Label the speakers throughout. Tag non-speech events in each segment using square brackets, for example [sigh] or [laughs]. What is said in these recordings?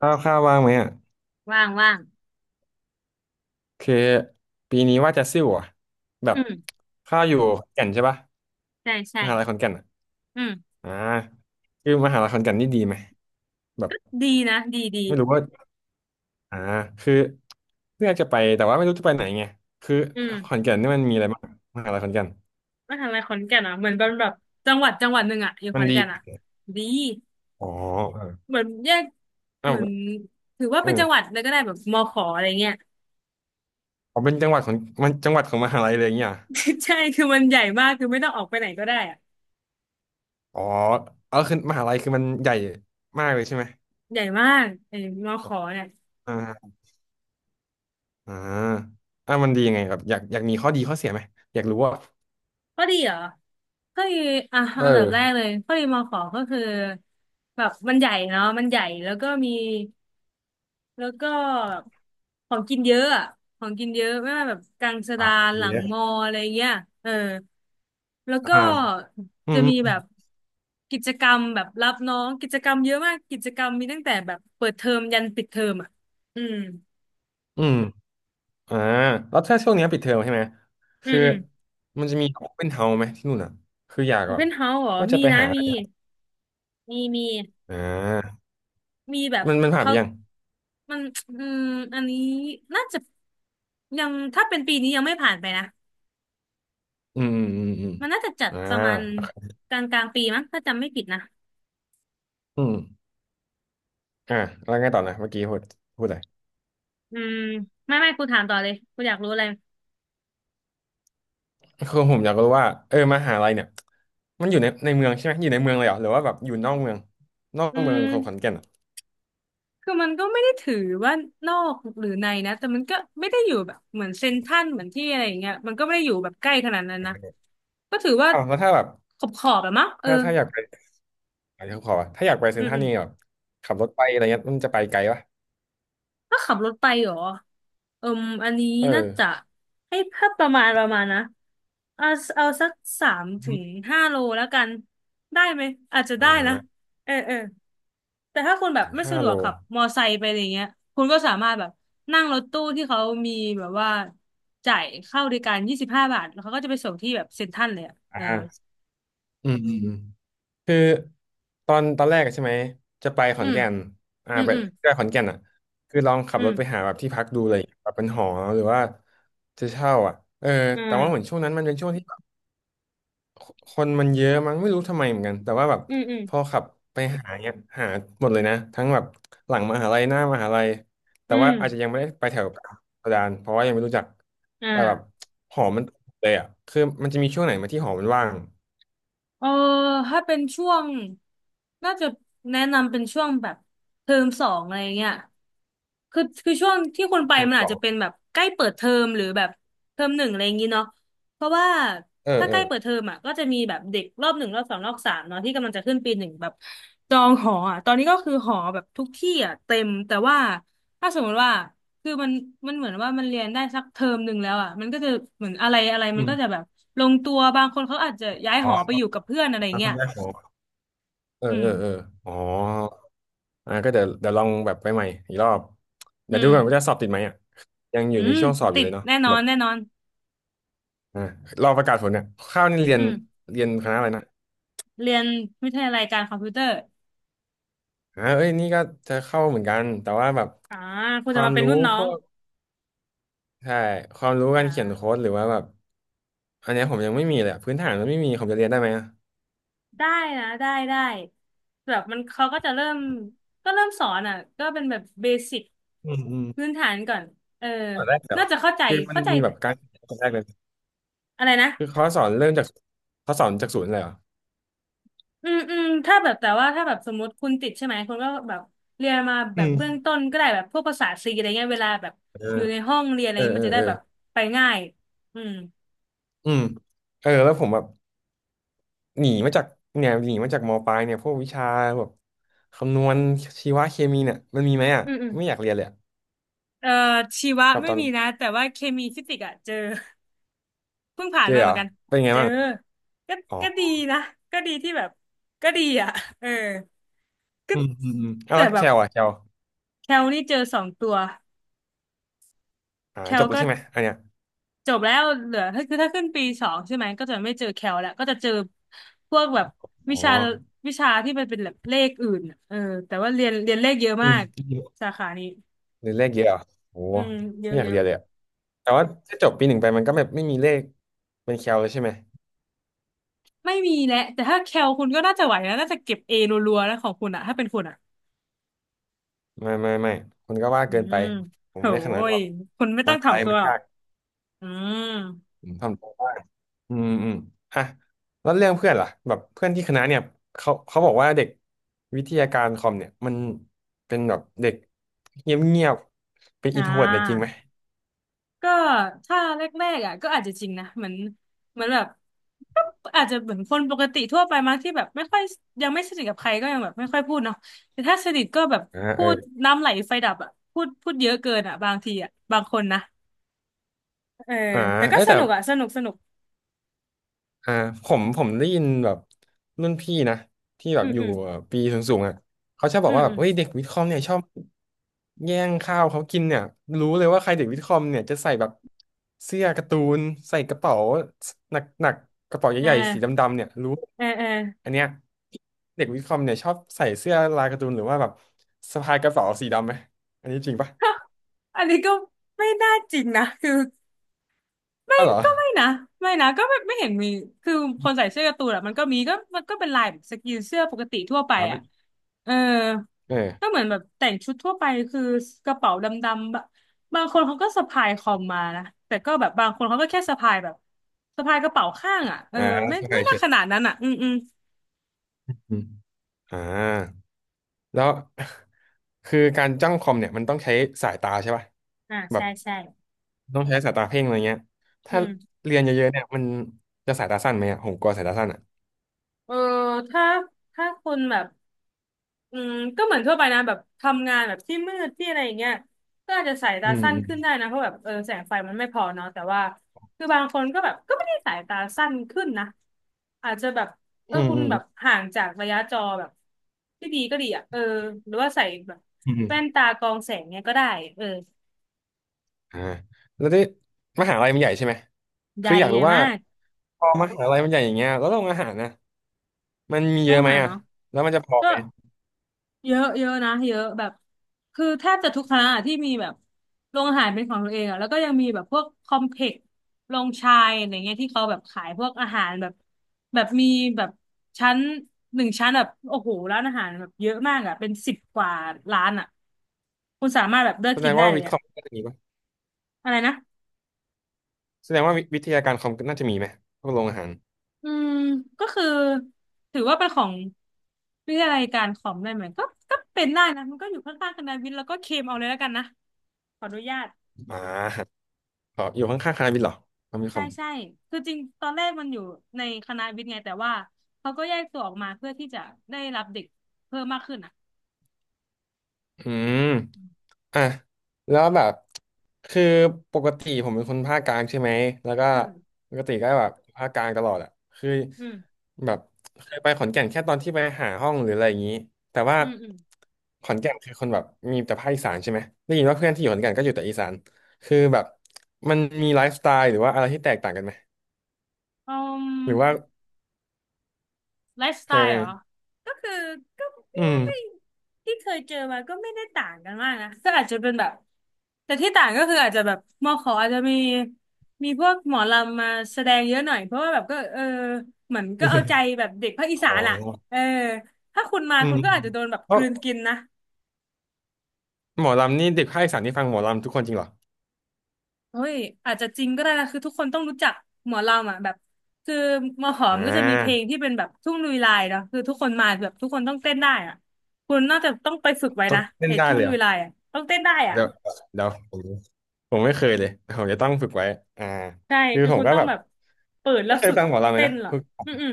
Speaker 1: ข้าวว่างไหมอ่ะ
Speaker 2: ว่างว่าง
Speaker 1: คือปีนี้ว่าจะซิ่วอ่ะแบ
Speaker 2: อื
Speaker 1: บ
Speaker 2: ม
Speaker 1: ข้าวอยู่ขอนแก่นใช่ปะ
Speaker 2: ใช่ใช่
Speaker 1: มหาลัยขอนแก่นอ่ะ
Speaker 2: อืม
Speaker 1: อ่าคือมหาลัยขอนแก่นนี่ดีไหมแบบ
Speaker 2: ดีนะดีดี
Speaker 1: ไม่รู้ว่าอ่าคือเลือกจะไปแต่ว่าไม่รู้จะไปไหนไงคือ
Speaker 2: อื
Speaker 1: ขอ
Speaker 2: ม
Speaker 1: นแก่นนี่มันมีอะไรบ้างมหาลัยขอนแก่น
Speaker 2: มหาลัยขอนแก่นอ่ะเหมือนเป็นแบบจังหวัดหนึ่งอ่ะอยู่
Speaker 1: มั
Speaker 2: ข
Speaker 1: น
Speaker 2: อน
Speaker 1: ดี
Speaker 2: แก่นอ่ะดี
Speaker 1: อ๋อเออ
Speaker 2: เหมือนแยก
Speaker 1: เอ้า
Speaker 2: เห
Speaker 1: ว
Speaker 2: มือนถือว่า
Speaker 1: เอ
Speaker 2: เป็น
Speaker 1: อ
Speaker 2: จังหวัดเลยก็ได้แบบมขออะไรเงี้ย
Speaker 1: อ๋อเป็นจังหวัดของมันจังหวัดของมหาลัยเลยอย่างเงี้ยเหรอ
Speaker 2: [laughs] ใช่คือมันใหญ่มากคือไม่ต้องออกไปไหนก็ได้อ่ะ
Speaker 1: อ๋อเออคือมหาลัยคือมันใหญ่มากเลยใช่ไหม
Speaker 2: ใหญ่มากไอ้มขอเนี่ย
Speaker 1: อ่า อ่าอ่ามันดียังไงครับอยากมีข้อดีข้อเสียไหมอยากรู้ว่า
Speaker 2: ก็ดีเหรอก็ดีอ่ะ
Speaker 1: เอ
Speaker 2: อันดับแรก
Speaker 1: อ
Speaker 2: เลยก็ดีมขอก็คือแบบมันใหญ่เนาะมันใหญ่แล้วก็มี แล้วก็ของกินเยอะอะของกินเยอะไม่ว่าแบบกลางสะดาน
Speaker 1: อ
Speaker 2: ห
Speaker 1: ย่าง
Speaker 2: ลัง
Speaker 1: เงี้ย
Speaker 2: มออะไรเงี้ยเออแล้วก็
Speaker 1: อ่าอืม
Speaker 2: จะมี
Speaker 1: อื
Speaker 2: แบ
Speaker 1: ม
Speaker 2: บกิจกรรมแบบรับน้องกิจกรรมเยอะมากกิจกรรมมีตั้งแต่แบบเปิดเทอมยันปิดเทอมอ่ะอืม
Speaker 1: อืมอ่าแล้วถ้าช่วงเนี้ยปิดเทอมใช่ไหม
Speaker 2: อืม
Speaker 1: คือ
Speaker 2: อืม
Speaker 1: มันจะมีโอเ n นเฮาไหมที่นู่นอ่ะคืออยาก
Speaker 2: โอ
Speaker 1: แบ
Speaker 2: เพ
Speaker 1: บ
Speaker 2: นเฮาส์เหรอ
Speaker 1: ว่าจะ
Speaker 2: มี
Speaker 1: ไป
Speaker 2: นะ
Speaker 1: หา
Speaker 2: มีมีมี
Speaker 1: อ่า
Speaker 2: มีแบบ
Speaker 1: มันผ่าน
Speaker 2: เขา
Speaker 1: ไปยัง
Speaker 2: มันอืมอันนี้น่าจะยังถ้าเป็นปีนี้ยังไม่ผ่านไปนะ
Speaker 1: อืมอืมอืม
Speaker 2: มันน่าจะจั
Speaker 1: อม
Speaker 2: ด
Speaker 1: อ่
Speaker 2: ประมาณ
Speaker 1: า
Speaker 2: กลางปีมั้งถ้าจำไม่ผิดนะ
Speaker 1: อืมอ่าแล้วไงต่อนะเมื่อกี้พูดอะไร
Speaker 2: อืมไม่กูถามต่อเลยกูอยากรู้อะไร
Speaker 1: คือผมอยากรู้ว่าเออมหาลัยเนี่ยมันอยู่ในเมืองใช่ไหมอยู่ในเมืองเลยเหรอหรือว่าแบบอยู่นอกเมืองนอ
Speaker 2: อื
Speaker 1: กเมือง
Speaker 2: ม
Speaker 1: ของขอนแก่นอ่ะ
Speaker 2: คือมันก็ไม่ได้ถือว่านอกหรือในนะแต่มันก็ไม่ได้อยู่แบบเหมือนเซ็นทรัลเหมือนที่อะไรอย่างเงี้ยมันก็ไม่ได้อยู่แบบใกล้ขนาดนั้นนะก็ถือว่า
Speaker 1: อ้าวแล้วถ้าแบบ
Speaker 2: ขอบแบะมั้งเออ
Speaker 1: ถ้าอยากไปอะไรเขาขอว่าถ้าอยากไปเซ็
Speaker 2: อื
Speaker 1: นทรัลนี่แบ
Speaker 2: ม
Speaker 1: บขับรถไปอะไรเงี้ยมันจะไปไกลปะ
Speaker 2: ถ้าขับรถไปเหรอเอิมอันนี้
Speaker 1: เออ
Speaker 2: น่าจะให้เพิ่มประมาณนะเอาเอาสักสาม
Speaker 1: อ
Speaker 2: ถึ
Speaker 1: ม
Speaker 2: งห้าโลแล้วกันได้ไหมอาจจะ
Speaker 1: อ่
Speaker 2: ได้นะ
Speaker 1: า
Speaker 2: เออเออแต่ถ้าคุณแบบไม่
Speaker 1: ห้า
Speaker 2: สะดว
Speaker 1: โล
Speaker 2: กขับมอไซค์ไปอะไรเงี้ยคุณก็สามารถแบบนั่งรถตู้ที่เขามีแบบว่าจ่ายเข้าบริการ25 บาทแล้วเขาก็จะไปส่งที่แบบเซ็นทรัลเลยอ่ะ
Speaker 1: อ
Speaker 2: เออ
Speaker 1: ่าอืมอืมอืมคือตอนแรกอะใช่ไหมจะไปข
Speaker 2: อื
Speaker 1: อน
Speaker 2: ม
Speaker 1: แก่นอ่า
Speaker 2: อืม
Speaker 1: ไป
Speaker 2: อืม
Speaker 1: ไปขอนแก่นอ่ะคือลองขั
Speaker 2: อื
Speaker 1: บรถไปหา
Speaker 2: ม
Speaker 1: แบบที่พักดูเลยแบบเป็นหอหรือว่าจะเช่าอ่ะเออ
Speaker 2: อื
Speaker 1: แต่ว่าเหมือนช่
Speaker 2: ม
Speaker 1: วงนั้นมันเป็นช่วงที่ คนมันเยอะมั้งไม่รู้ทำไมเหมือนกันแต่ว่าแบบ
Speaker 2: อืมอืม
Speaker 1: พอขับไปหาเนี่ยหาหมดเลยนะทั้งแบบหลังมหาลัยหน้ามหาลัยแต่
Speaker 2: อื
Speaker 1: ว่า
Speaker 2: ม
Speaker 1: อาจจะยังไม่ได้ไปแถวกระดานเพราะว่ายังไม่รู้จัก
Speaker 2: อ่
Speaker 1: แต่แบบ
Speaker 2: า
Speaker 1: หอมันเลยอ่ะคือมันจะมีช่วงไหนไหมาที่หอมันว่าง
Speaker 2: เออถ้าเป็นช่วงน่าจะแนะนำเป็นช่วงแบบเทอมสองอะไรเงี้ยคือช่วงที่คุณไป
Speaker 1: เทอม
Speaker 2: มัน
Speaker 1: ส
Speaker 2: อาจ
Speaker 1: อ
Speaker 2: จะ
Speaker 1: ง
Speaker 2: เป็นแบบใกล้เปิดเทอมหรือแบบเทอมหนึ่งอะไรอย่างงี้เนาะเพราะว่า
Speaker 1: เออ
Speaker 2: ถ้า
Speaker 1: เอ
Speaker 2: ใกล้
Speaker 1: อ
Speaker 2: เปิดเทอมอ่ะก็จะมีแบบเด็กรอบหนึ่งรอบสองรอบสามเนาะที่กำลังจะขึ้นปีหนึ่งแบบจองหออ่ะตอนนี้ก็คือหอแบบทุกที่อ่ะเต็มแต่ว่าถ้าสมมติว่า คือมันเหมือนว่ามันเรียนได้สักเทอมหนึ่งแล้วอ่ะมันก็จะเหมือนอะไรอะไร
Speaker 1: อื
Speaker 2: มันก็จะแบ
Speaker 1: ม
Speaker 2: บลงตัวบางคนเขาอาจจะย้าย
Speaker 1: อ๋
Speaker 2: หอไป
Speaker 1: อ
Speaker 2: อยู่กับเพื่อนอะไร
Speaker 1: มาค
Speaker 2: เงี้ย
Speaker 1: นแรกหอเออ
Speaker 2: อื
Speaker 1: เอ
Speaker 2: ม
Speaker 1: อเอออ๋อก็เดี๋ยวลองแบบไปใหม่อีกรอบ
Speaker 2: อื
Speaker 1: เดี๋ยวดู
Speaker 2: ม
Speaker 1: ก่อนว่าจะสอบติดไหมอ่ะยังอ
Speaker 2: อื
Speaker 1: ยู่ใน
Speaker 2: ม
Speaker 1: ช่วงสอบอ
Speaker 2: ติ
Speaker 1: ยู่
Speaker 2: ด
Speaker 1: เลยเนาะ
Speaker 2: แน่นอ
Speaker 1: แบ
Speaker 2: น
Speaker 1: บ
Speaker 2: แน่นอน
Speaker 1: อ่ารอประกาศผลเนี่ยข้าวนี่เรี
Speaker 2: อื
Speaker 1: ยน
Speaker 2: ม
Speaker 1: เรียนคณะอะไรนะ
Speaker 2: เรียนวิทยาลัยการคอมพิวเตอร์
Speaker 1: เอ้ยนี่ก็จะเข้าเหมือนกันแต่ว่าแบบ
Speaker 2: อ่าคุ
Speaker 1: ค
Speaker 2: ณจะ
Speaker 1: วาม
Speaker 2: มาเป็น
Speaker 1: รู้
Speaker 2: รุ่นน้อ
Speaker 1: พ
Speaker 2: ง
Speaker 1: วกใช่ความรู้
Speaker 2: อ่
Speaker 1: การเขียนโค้
Speaker 2: า
Speaker 1: ดหรือว่าแบบอันเนี้ยผมยังไม่มีเลยอะพื้นฐานมันไม่มีผมจะเรียนได้ไหมอะ
Speaker 2: ได้นะได้ได้แบบมันเขาก็จะเริ่มเริ่มสอนอ่ะก็เป็นแบบเบสิก
Speaker 1: อืมอืม
Speaker 2: พื้นฐานก่อนเออ
Speaker 1: ตอนแรกเดี๋ยว
Speaker 2: น่าจะเข้าใจ
Speaker 1: คือมัน
Speaker 2: เข้าใจ
Speaker 1: มีแบบการตอนแรกเลย
Speaker 2: อะไรนะ
Speaker 1: คือเขาสอนเริ่มจากเขาสอนจากศูนย์เลยเหรอ
Speaker 2: อืมอืมถ้าแบบแต่ว่าถ้าแบบสมมติคุณติดใช่ไหมคุณก็แบบเรียนมาแบ
Speaker 1: อื
Speaker 2: บเบื้อง
Speaker 1: ม
Speaker 2: ต้นก็ได้แบบพวกภาษาซีอะไรเงี้ยเวลาแบบ
Speaker 1: เออ
Speaker 2: อยู่ในห้องเรียนอะไร
Speaker 1: เออ
Speaker 2: เงี้ย
Speaker 1: เอ
Speaker 2: มั
Speaker 1: อ
Speaker 2: นจะ
Speaker 1: เอ
Speaker 2: ได้
Speaker 1: อ
Speaker 2: แบบไปง่ายอืม
Speaker 1: อืมเออแล้วผมแบบหนีมาจากเนี่ยหนีมาจากมปลายเนี่ยพวกวิชาแบบคำนวณชีวะเคมีเนี่ยมันมีไหมอ่ะ
Speaker 2: อืมอืม
Speaker 1: ไม่อยากเรียนเลยอะ
Speaker 2: เอ่อชีวะ
Speaker 1: แบบ
Speaker 2: ไม่
Speaker 1: ตอน
Speaker 2: มีนะแต่ว่าเคมีฟิสิกส์อะเจอ [laughs] เพิ่งผ่าน
Speaker 1: เจอ
Speaker 2: มา
Speaker 1: เห
Speaker 2: เห
Speaker 1: ร
Speaker 2: มื
Speaker 1: อ
Speaker 2: อนกัน
Speaker 1: เป็นไง
Speaker 2: เจอ
Speaker 1: บ้าง
Speaker 2: ก็ก็ดีนะก็ดีที่แบบก็ดีอ่ะเออก็
Speaker 1: อืมอืมอืมเอา
Speaker 2: แต่
Speaker 1: แล้ว
Speaker 2: แบ
Speaker 1: แค
Speaker 2: บ
Speaker 1: ลอ่ะแคล
Speaker 2: แคลนี่เจอสองตัวแค
Speaker 1: จ
Speaker 2: ล
Speaker 1: บแล้ว
Speaker 2: ก็
Speaker 1: ใช่ไหมอันเนี้ย
Speaker 2: จบแล้วเหลือถ้าคือถ้าขึ้นปีสองใช่ไหมก็จะไม่เจอแคลแล้วก็จะเจอพวกแบบวิ
Speaker 1: อ๋อ
Speaker 2: ชาวิชาที่มันเป็นแบบเลขอื่นน่ะเออแต่ว่าเรียนเลขเยอะ
Speaker 1: อื
Speaker 2: มา
Speaker 1: ม
Speaker 2: กสาขานี้
Speaker 1: เรียนเลขเยอะเหรอโอ้
Speaker 2: อืมเย
Speaker 1: ไม่
Speaker 2: อะ
Speaker 1: อยา
Speaker 2: เย
Speaker 1: กเรี
Speaker 2: อะ
Speaker 1: ยนเลยอะแต่ว่าถ้าจบปี 1ไปมันก็แบบไม่มีเลขเป็นแคลเลยใช่ไหม
Speaker 2: ไม่มีแหละแต่ถ้าแคลคุณก็น่าจะไหวนะน่าจะเก็บเอรัวๆแล้วของคุณอะถ้าเป็นคุณอะ
Speaker 1: ไม่คุณก็ว่า
Speaker 2: อื
Speaker 1: เกินไป
Speaker 2: ม
Speaker 1: ผ
Speaker 2: โห
Speaker 1: มไม่ขนาดนั้นห
Speaker 2: ย
Speaker 1: รอก
Speaker 2: คุณไม่
Speaker 1: ม
Speaker 2: ต้อง
Speaker 1: หา
Speaker 2: ถ่อม
Speaker 1: ลัย
Speaker 2: ตัว
Speaker 1: มัน
Speaker 2: หรอก
Speaker 1: ยาก
Speaker 2: อืม
Speaker 1: ผมทำได้บ้างอืมอืมอ่ะแล้วเรื่องเพื่อนล่ะแบบเพื่อนที่คณะเนี่ยเขาบอกว่าเด็กวิทยาการคอมเนี่ยมันเป็นแบบเด็กเงียบเป็น
Speaker 2: อ่
Speaker 1: อินโทรเวิร์ตเนี่ยจริงไหม
Speaker 2: า ก็ถ้าแรกๆอ่ะก็อาจจะจริงนะเหมือนแบบก็อาจจะเหมือนคนปกติทั่วไปมั้งที่แบบไม่ค่อยยังไม่สนิทกับใครก็ยังแบบไม่ค่อยพูดเนาะแต่ถ้าสนิทก็แบบพู
Speaker 1: เออ
Speaker 2: ดน้ำไหลไฟดับอ่ะพูดเยอะเกินอ่ะบางทีอ่ะบางคนนะเออ
Speaker 1: อ่า
Speaker 2: แต่ก็
Speaker 1: เอ้ย
Speaker 2: ส
Speaker 1: แต่
Speaker 2: นุกอ่ะสนุกสนุก
Speaker 1: อ่าผมได้ยินแบบรุ่นพี่นะที่แบ
Speaker 2: อื
Speaker 1: บ
Speaker 2: ม
Speaker 1: อยู่
Speaker 2: อืม
Speaker 1: ปีสูงๆอ่ะเขาชอบบ
Speaker 2: อื
Speaker 1: อก
Speaker 2: ม
Speaker 1: ว่าแบ
Speaker 2: อื
Speaker 1: บ
Speaker 2: ม
Speaker 1: เฮ้ยเด็กวิทย์คอมเนี่ยชอบแย่งข้าวเขากินเนี่ยรู้เลยว่าใครเด็กวิทย์คอมเนี่ยจะใส่แบบเสื้อการ์ตูนใส่กระเป๋าหนักกระเป๋า
Speaker 2: เอ
Speaker 1: ใหญ่ๆสีด
Speaker 2: อ
Speaker 1: ำๆเนี่ยรู้
Speaker 2: เออเออ
Speaker 1: อันเนี้ยเด็กวิทย์คอมเนี่ยชอบใส่เสื้อลายการ์ตูนหรือว่าแบบสะพายกระเป๋าสีดำไหมอันนี้จริงปะ
Speaker 2: [laughs] อันนี้ก็ไม่น่าจริงนะคือไม่
Speaker 1: อ้าวเหรอ
Speaker 2: ก็ไม่นะไม่นะก็ไม่ไม่เห็นมีคือคนใส่เสื้อการ์ตูนอะมันก็มีก็มันก็เป็นลายแบบสกรีนเสื้อปกติทั่วไป
Speaker 1: อ๋อ
Speaker 2: อะ
Speaker 1: ไม่
Speaker 2: เออ
Speaker 1: เออ
Speaker 2: ก็เหมือนแบบแต่งชุดทั่วไปคือกระเป๋าดำๆแบบบางคนเขาก็สะพายคอมมานะแต่ก็แบบบางคนเขาก็แค่สะพายแบบสะพายกระเป๋าข้างอ่ะเออ
Speaker 1: อ่า
Speaker 2: ไม่
Speaker 1: สะพา
Speaker 2: ไม่
Speaker 1: ยเฉ
Speaker 2: น่า
Speaker 1: ย
Speaker 2: ขนาดนั้นอ่ะอืมอืม
Speaker 1: อมอ่า แล้ว [laughs] คือการจ้องคอมเนี่ยมันต้องใช้สายตาใช่ป่ะ
Speaker 2: อ่า
Speaker 1: แบ
Speaker 2: ใช่
Speaker 1: บ
Speaker 2: ใช่
Speaker 1: ต้องใช้สายตาเพ่งอะไรเงี้ย
Speaker 2: อื
Speaker 1: ถ้า
Speaker 2: ม
Speaker 1: เรียนเยอะๆเนี่ยมันจะสายตาสั้นไหมอ่ะผมกลัวสายตาสั้นอ่ะ
Speaker 2: เออถ้าถ้าคุณแบบ อืมก็เหมือนทั่วไปนะแบบทำงานแบบที่มืดที่อะไรอย่างเงี้ยก็อาจจะสายตา
Speaker 1: อื
Speaker 2: สั้นขึ้น
Speaker 1: ม
Speaker 2: ได้นะเพราะแบบแสงไฟมันไม่พอเนาะแต่ว่าคือบางคนก็แบบก็ไม่ได้สายตาสั้นขึ้นนะอาจจะแบบ
Speaker 1: อืม
Speaker 2: คุณ
Speaker 1: อืม
Speaker 2: แบบห่างจากระยะจอแบบที่ดีก็ดีอ่ะเออหรือว่าใส่แบบ
Speaker 1: อืมอืม
Speaker 2: แว่นตากรองแสงเนี้ยก็ได้เออ
Speaker 1: อ่าแล้วที่มหาลัยมันใหญ่ใช่ไหม
Speaker 2: ใหญ่
Speaker 1: คืออยาก
Speaker 2: ใหญ่
Speaker 1: รู้ว่า
Speaker 2: มาก
Speaker 1: พอมหาลัยมันใหญ่อย่างเงี้ยแล้วโรงอาหารนะมันมี
Speaker 2: ต้
Speaker 1: เย
Speaker 2: อง
Speaker 1: อะไหม
Speaker 2: หา
Speaker 1: อ่ะ
Speaker 2: เนาะ
Speaker 1: แล้วมันจะพอ
Speaker 2: ก็
Speaker 1: ไหม
Speaker 2: เยอะเยอะนะเยอะแบบคือแทบจะทุกคณะอะที่มีแบบโรงอาหารเป็นของตัวเองอ่ะแล้วก็ยังมีแบบพวกคอมเพล็กซ์โรงชายอะไรเงี้ยที่เขาแบบขายพวกอาหารแบบแบบมีแบบชั้นหนึ่งชั้นแบบโอ้โหร้านอาหารแบบเยอะมากอ่ะเป็นสิบกว่าร้านอ่ะคุณสามารถแบบเลือก
Speaker 1: แสด
Speaker 2: กิน
Speaker 1: ง
Speaker 2: ได้
Speaker 1: ว่า
Speaker 2: เล
Speaker 1: วิ
Speaker 2: ย
Speaker 1: ทย์ค
Speaker 2: อ่ะ
Speaker 1: อมน่าจะมีป่ะ
Speaker 2: อะไรนะ
Speaker 1: แสดงว่าวิทยาการคอมน่าจะมีไหมพวกโรงอาหาร
Speaker 2: อืมก็คือถือว่าเป็นของวิทยาลัยการคอมได้ไหมก็ก็เป็นได้นะมันก็อยู่ข้างๆคณะวิทย์แล้วก็เคมเอาเลยแล้วกันนะขออนุญาต
Speaker 1: อ่าขออยู่ข้างๆคณะวิทย์เหรอคอมวิทย์ค
Speaker 2: ใช่
Speaker 1: อม
Speaker 2: ใช่คือจริงตอนแรกมันอยู่ในคณะวิทย์ไงแต่ว่าเขาก็แยกตัวออกมาเพื่อที่จะได้รับเด็กเพิ่มมากขึ้นอ่ะ
Speaker 1: อืม อ่ะแล้วแบบคือปกติผมเป็นคนภาคกลางใช่ไหมแล้วก็
Speaker 2: อืม
Speaker 1: ปกติก็แบบภาคกลางตลอดอ่ะคือ
Speaker 2: อืม
Speaker 1: แบบเคยไปขอนแก่นแค่ตอนที่ไปหาห้องหรืออะไรอย่างนี้แต่ว่า
Speaker 2: อืมอืม
Speaker 1: ขอนแก่นคือคนแบบมีแต่ภาคอีสานใช่ไหมได้ยินว่าเพื่อนที่อยู่ขอนแก่นก็อยู่แต่อีสานคือแบบมันมีไลฟ์สไตล์หรือว่าอะไรที่แตกต่างกันไหม
Speaker 2: อืม
Speaker 1: หรือว่า
Speaker 2: ไลฟ์สไต
Speaker 1: เออ
Speaker 2: ล์เหรอก็คือก็
Speaker 1: อื
Speaker 2: พี่ว่าไม่
Speaker 1: ม
Speaker 2: ที่เคยเจอมาก็ไม่ได้ต่างกันมากนะ ก็อาจจะเป็นแบบแต่ที่ต่างก็คืออาจจะแบบมอขออาจจะมีมีพวกหมอลำมาแสดงเยอะหน่อยเพราะว่าแบบก็เหมือนก็เอาใจแบบเด็กภาคอีสา
Speaker 1: อ๋
Speaker 2: น
Speaker 1: อ
Speaker 2: อ่ะเออถ้าคุณมา
Speaker 1: อื
Speaker 2: คุณ
Speaker 1: ม
Speaker 2: ก็อาจจะโดนแบบ
Speaker 1: เพ
Speaker 2: ก
Speaker 1: ราะ
Speaker 2: ลืนกินนะ
Speaker 1: หมอลำนี่เด็กภาคอีสานที่ฟังหมอลำทุกคนจริงเหรอ
Speaker 2: เฮ้ยอาจจะจริงก็ได้นะคือทุกคนต้องรู้จักหมอลำอ่ะแบบคือมอหอม
Speaker 1: อ่
Speaker 2: ก็จะมีเพลง
Speaker 1: า
Speaker 2: ที่เป็นแบบทุ่งลุยลายเนาะคือทุกคนมาแบบทุกคนต้องเต้นได้อ่ะคุณน่าจะต้องไปฝึกไว้
Speaker 1: ต้น
Speaker 2: นะ
Speaker 1: เล่น
Speaker 2: ไอ้
Speaker 1: ได้
Speaker 2: ทุ่
Speaker 1: เล
Speaker 2: ง
Speaker 1: ย
Speaker 2: ลุ
Speaker 1: เหร
Speaker 2: ย
Speaker 1: อ
Speaker 2: ลายอ่ะต้องเต้นได้อ่ะ
Speaker 1: เดี๋ยวเดี๋ยวผมไม่เคยเลยแต่ผมจะต้องฝึกไว้อ่า
Speaker 2: ใช่
Speaker 1: คือ
Speaker 2: คือ
Speaker 1: ผม
Speaker 2: คุณ
Speaker 1: ก็
Speaker 2: ต้อง
Speaker 1: แบบ
Speaker 2: แบบเปิดแล้
Speaker 1: ไม่
Speaker 2: ว
Speaker 1: เคย
Speaker 2: ฝึก
Speaker 1: ฟังหมอลำเลย
Speaker 2: เต้น
Speaker 1: นะ
Speaker 2: เหรอ
Speaker 1: คือ
Speaker 2: อืมอืม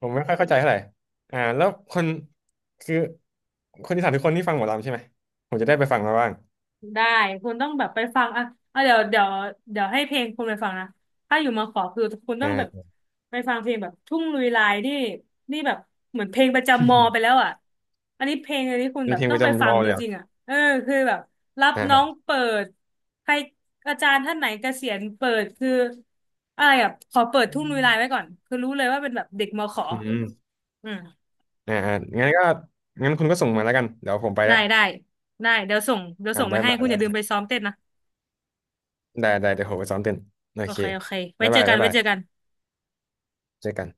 Speaker 1: ผมไม่ค่อยเข้าใจเท่าไหร่แล้วคนคือคนอีสานทุกคนที่ฟังหมอลำใช่ไหมผมจะได้ไปฟังมาบ้าง
Speaker 2: ได้คุณต้องแบบไปฟังอ่ะอ่ะเดี๋ยวเดี๋ยวให้เพลงคุณไปฟังนะถ้าอยู่มาขอคือคุณต้
Speaker 1: อ่
Speaker 2: องแบบ
Speaker 1: า
Speaker 2: ไปฟังเพลงแบบทุ่งลุยลายนี่นี่แบบเหมือนเพลงประจำมอไปแล้วอ่ะอันนี้เพลงอันนี้คุณ
Speaker 1: เป็
Speaker 2: แบ
Speaker 1: น
Speaker 2: บ
Speaker 1: เพลง
Speaker 2: ต้
Speaker 1: ป
Speaker 2: อง
Speaker 1: ระ
Speaker 2: ไปฟั
Speaker 1: จำว
Speaker 2: ง
Speaker 1: อ
Speaker 2: จ
Speaker 1: เลยเหรอ
Speaker 2: ริงๆอ่ะเออคือแบบรับน้อง
Speaker 1: อ่า
Speaker 2: เปิดใครอาจารย์ท่านไหนเกษียณเปิดคืออะไรอ่ะขอเปิดทุ่งลุยลายไว้ก่อนคือรู้เลยว่าเป็นแบบเด็กมอขอ
Speaker 1: อืม
Speaker 2: อืม
Speaker 1: อ่างั้นก็งั้นคุณก็ส่งมาแล้วกันเดี๋ยวผมไป
Speaker 2: ได้
Speaker 1: แล้ว
Speaker 2: ได้ได้เดี๋ยวส่งเดี๋ยวส่งไป
Speaker 1: บ๊าย
Speaker 2: ให้
Speaker 1: บาย
Speaker 2: คุณอ
Speaker 1: แล้
Speaker 2: ย่า
Speaker 1: ว
Speaker 2: ลืมไปซ้อมเต้นนะ
Speaker 1: ได้ได้เดี๋ยวผมไปซ้อมเต้นโอ
Speaker 2: โอ
Speaker 1: เค
Speaker 2: เคโอเคไว้
Speaker 1: บ๊าย
Speaker 2: เจ
Speaker 1: บา
Speaker 2: อ
Speaker 1: ย
Speaker 2: กัน
Speaker 1: บ๊าย
Speaker 2: ไว้
Speaker 1: บาย
Speaker 2: เจอกัน
Speaker 1: เจอกัน